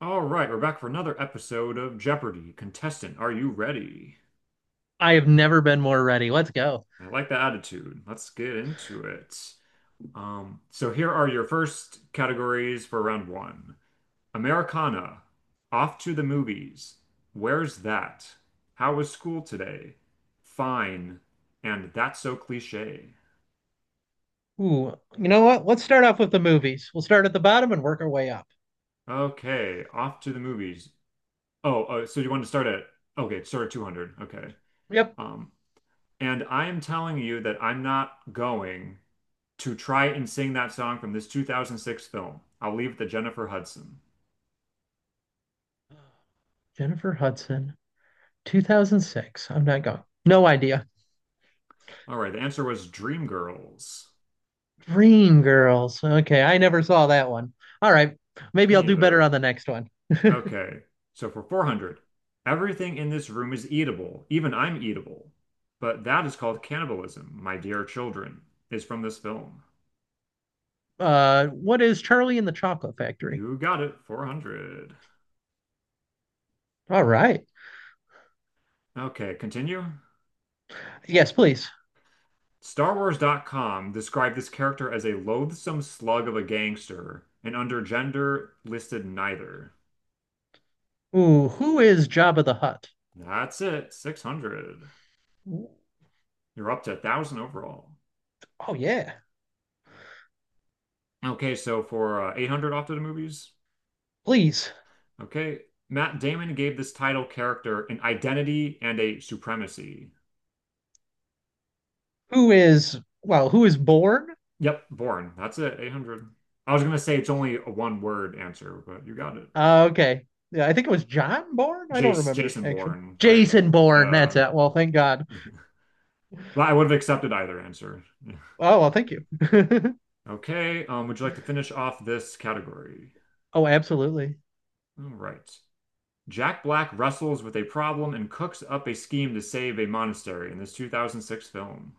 All right, we're back for another episode of Jeopardy! Contestant, are you ready? I have never been more ready. Let's go. I like that attitude. Let's get into it. So here are your first categories for round one. Americana, off to the movies. Where's that? How was school today? Fine. And that's so cliche. Ooh, you know what? Let's start off with the movies. We'll start at the bottom and work our way up. Okay, off to the movies. Oh, so you want to start at, okay, start at 200. Okay. Yep. Um, and I am telling you that I'm not going to try and sing that song from this 2006 film. I'll leave it to Jennifer Hudson. Jennifer Hudson, 2006. I'm not going. No idea. All right, the answer was Dreamgirls. Dreamgirls. Okay, I never saw that one. All right, maybe I'll Me do better either. on the next one. Okay, so for 400, everything in this room is eatable, even I'm eatable. But that is called cannibalism, my dear children, is from this film. What is Charlie and the Chocolate Factory? You got it, 400. All right. Okay, continue. Yes, please. StarWars.com described this character as a loathsome slug of a gangster, and under gender listed neither. Ooh, who is Jabba the Hutt? That's it. 600. Oh, You're up to 1,000 overall. yeah, Okay, so for 800 off to the movies. please. Okay. Matt Damon gave this title character an identity and a supremacy. Who is well? Who is born? Yep, Bourne. That's it. 800. I was going to say it's only a one word answer, but you got it. Okay. Yeah, I think it was John Bourne. I don't Jace, remember Jason actually. Bourne, right? Jason Bourne. That's Yeah. it. Well, thank God. Well, I would have accepted either answer. Oh, well, thank you. Okay, would you like to finish off this category? Oh, absolutely. All right. Jack Black wrestles with a problem and cooks up a scheme to save a monastery in this 2006 film.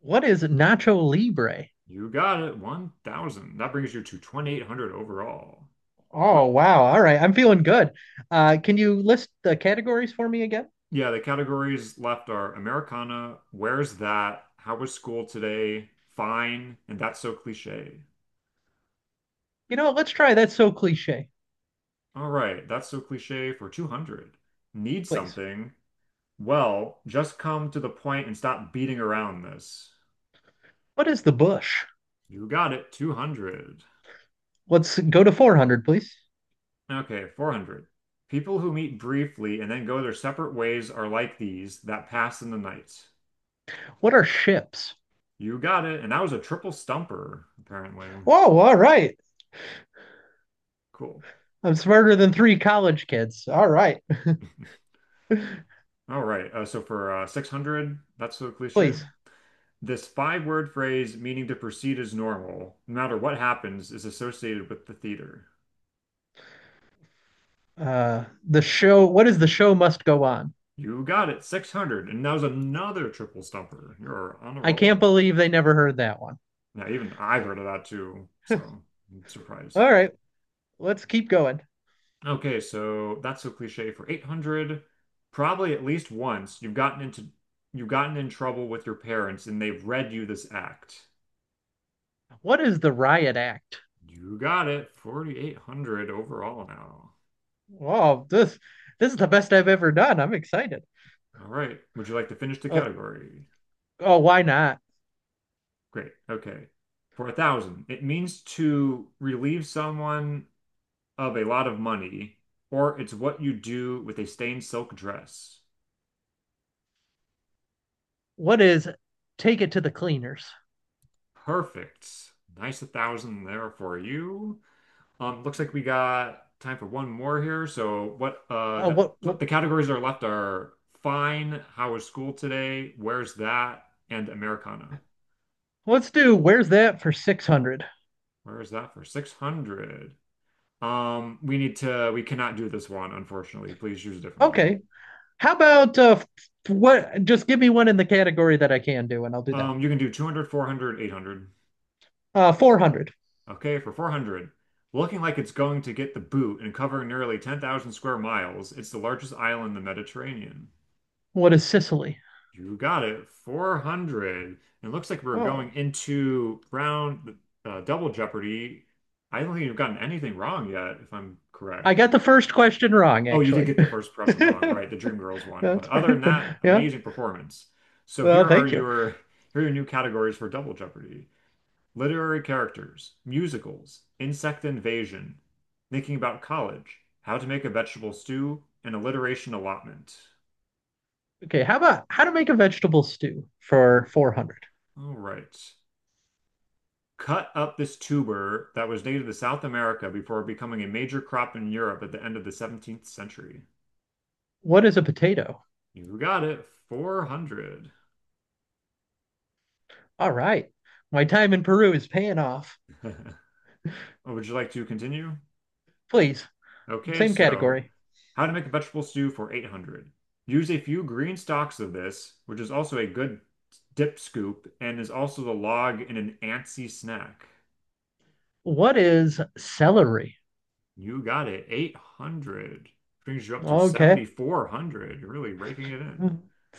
What is Nacho Libre? You got it, 1,000. That brings you to 2,800 overall. Oh, What? wow. All right. I'm feeling good. Can you list the categories for me again? Yeah, the categories left are Americana, Where's That, How Was School Today, Fine, and That's So Cliche. You know what? Let's try. That's so cliche, All right, that's so cliche for 200. Need please. something? Well, just come to the point and stop beating around this. What is the bush? You got it, 200. Let's go to 400, please. Okay, 400. People who meet briefly and then go their separate ways are like these that pass in the night. What are ships? You got it. And that was a triple stumper, apparently. Whoa, all right. Cool. I'm smarter than three college kids. All right. All right. So for 600, that's so cliche. Please. This five-word phrase meaning to proceed as normal, no matter what happens, is associated with the theater. The show. What is the show must go on? You got it. 600. And that was another triple stumper. You're on a I can't roll. believe they never heard that one. Now, even I've heard of that too. So I'm surprised. All right, let's keep going. Okay, so that's a cliche for 800. Probably at least once you've gotten in trouble with your parents and they've read you this act. What is the riot act? You got it. 4,800 overall now. Oh, this is the best I've ever done. I'm excited. All right. Would you like to finish the Uh, category? oh, why not? Great. Okay. For 1,000, it means to relieve someone of a lot of money, or it's what you do with a stained silk dress. What is take it to the cleaners? Perfect. Nice 1,000 there for you. Looks like we got time for one more here. So what What the categories that are left are fine, how was school today, where's that, and Americana. let's do where's that for 600. Where is that for 600? We need to we cannot do this one, unfortunately. Please choose a different one. Okay. How about what, just give me one in the category that I can do and I'll do that. You can do 200, 400, 800. Uh, 400. Okay, for 400. Looking like it's going to get the boot and covering nearly 10,000 square miles, it's the largest island in the Mediterranean. What is Sicily? You got it. 400. It looks like we're going Oh, into round double Jeopardy. I don't think you've gotten anything wrong yet, if I'm I correct. got the first question wrong Oh, you did actually. get the first impression wrong, right? The Dreamgirls one. But That's other than that, yeah. amazing performance. So Well, here are thank you. your here are your new categories for double Jeopardy. Literary characters, musicals, insect invasion, thinking about college, how to make a vegetable stew, and alliteration allotment. Okay, how about how to make a vegetable stew for Oh, 400? all right. Cut up this tuber that was native to South America before becoming a major crop in Europe at the end of the 17th century. What is a potato? You got it, 400. All right. My time in Peru is paying off. Would you like to continue? Please, Okay, same so category. how to make a vegetable stew for 800. Use a few green stalks of this, which is also a good dip scoop and is also the log in an antsy snack. What is celery? You got it, 800. Brings you up to Okay. 7,400. You're really raking it in.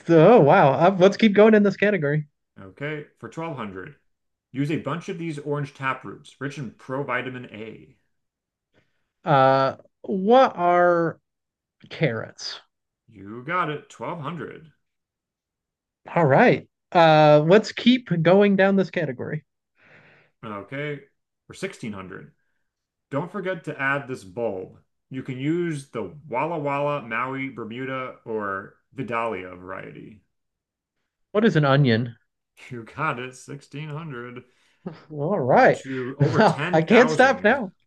So, oh, wow. Let's keep going in this category. Okay, for 1,200, use a bunch of these orange tap roots, rich in provitamin A. What are carrots? You got it, 1,200. All right. Let's keep going down this category. Okay, for 1,600, don't forget to add this bulb. You can use the Walla Walla, Maui, Bermuda, or Vidalia variety. What is an onion? You got it, 1,600. All Brings you right. to over I can't stop 10,000. now.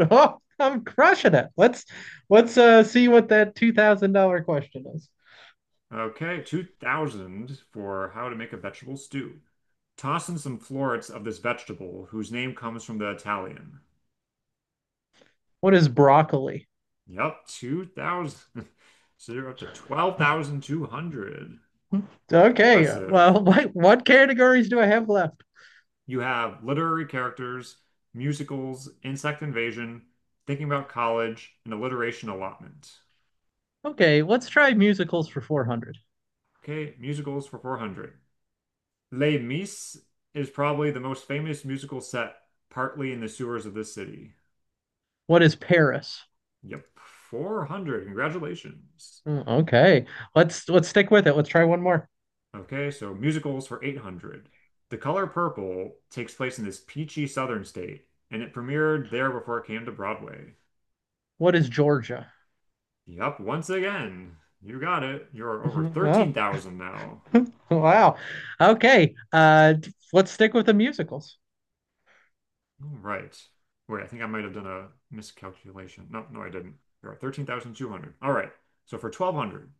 Oh, I'm crushing it. Let's see what that $2,000 question is. Okay, 2,000 for how to make a vegetable stew. Toss in some florets of this vegetable, whose name comes from the Italian. What is broccoli? Yep, 2,000. So you're up to 12,200. Okay, Impressive. well, what categories do I have left? You have literary characters, musicals, insect invasion, thinking about college, and alliteration allotment. Okay, let's try musicals for 400. Okay, musicals for 400. Les Mis is probably the most famous musical set, partly in the sewers of this city. What is Paris? Yep, 400. Congratulations. Mm. Okay, let's stick with it. Let's try one more. Okay, so musicals for 800. The Color Purple takes place in this peachy southern state, and it premiered there before it came to Broadway. What is Georgia? Yup, once again. You got it. You're over 13,000 now. Oh, wow. Okay, let's stick with the musicals. All right. Wait, I think I might have done a miscalculation. No, no, I didn't. You're at 13,200. All right. So for 1,200,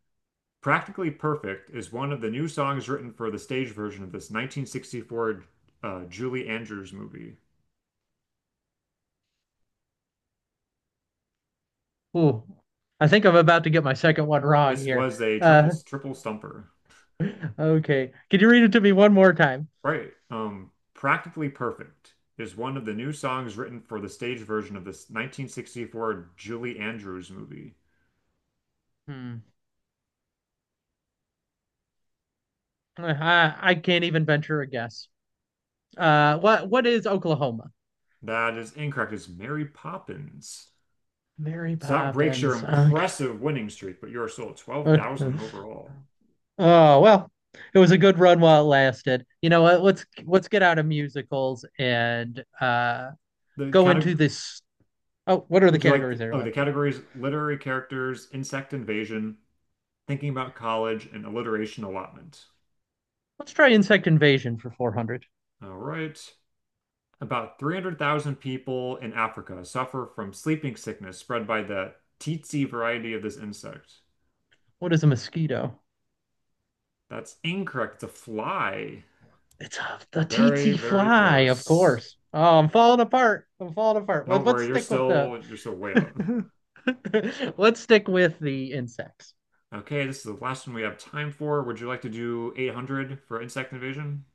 Practically Perfect is one of the new songs written for the stage version of this 1964 Julie Andrews movie. Ooh, I think I'm about to get my second one wrong This here. was a triple Uh, triple stumper. okay, can you read it to me one more time? Right. Practically Perfect is one of the new songs written for the stage version of this 1964 Julie Andrews movie. Hmm. I can't even venture a guess. What is Oklahoma? That is incorrect. It's Mary Poppins. Mary So that breaks your Poppins. Okay. impressive winning streak, but you are still at 12,000 overall. Oh well, it was a good run while it lasted. You know what? Let's get out of musicals and The go into category, this. Oh, what are the would you like, categories the, that are oh, the left here? categories: literary characters, insect invasion, thinking about college, and alliteration allotment. Let's try insect invasion for 400. All right. About 300,000 people in Africa suffer from sleeping sickness spread by the tsetse variety of this insect. What is a mosquito? That's incorrect. It's a fly. The Very, tsetse very fly, of close. course. Oh, I'm falling apart. I'm falling apart. Don't Let's worry, you're stick with the still you're still way up. let's stick with the insects. Okay, this is the last one we have time for. Would you like to do 800 for insect invasion?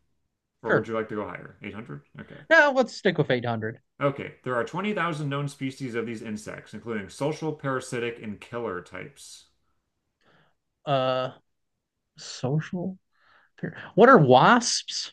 Or would Sure. you like to go higher? 800? Okay. Now let's stick with 800. Okay, there are 20,000 known species of these insects, including social, parasitic, and killer types. Uh, social. What are wasps?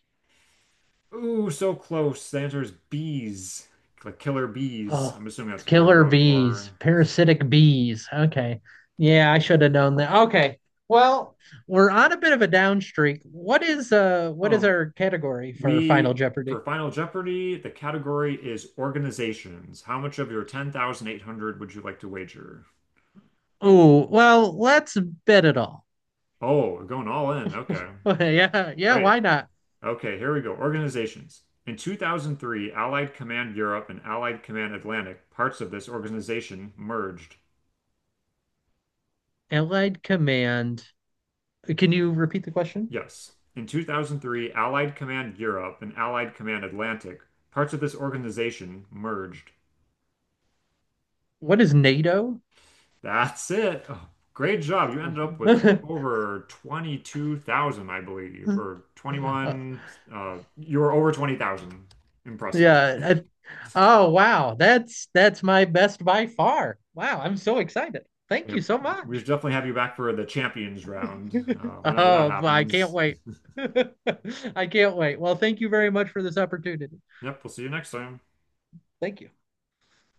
Ooh, so close. The answer is bees. Like killer bees. Oh, I'm assuming that's what they were killer going for. bees, parasitic bees. Okay. Yeah, I should have known that. Okay. Well, we're on a bit of a down streak. What is Um, our category for Final we for Jeopardy? Final Jeopardy, the category is organizations. How much of your 10,800 would you like to wager? Oh, well, let's bet it all. Oh, we're going all in. Okay. Yeah, yeah, Great. why not? Okay, here we go. Organizations. In 2003, Allied Command Europe and Allied Command Atlantic, parts of this organization merged. Allied Command. Can you repeat the question? Yes. In 2003, Allied Command Europe and Allied Command Atlantic, parts of this organization, merged. What is NATO? That's it. Oh, great job. You ended up with over 22,000, I believe, or Uh, 21. You were over 20,000. Impressive. yeah. Oh wow, that's my best by far. Wow, I'm so excited. Thank Yeah, you so we much. should definitely have you back for the champions round, whenever that Oh, I can't happens. wait. I can't wait. Well, thank you very much for this opportunity. Yep, we'll see you next time. Thank you.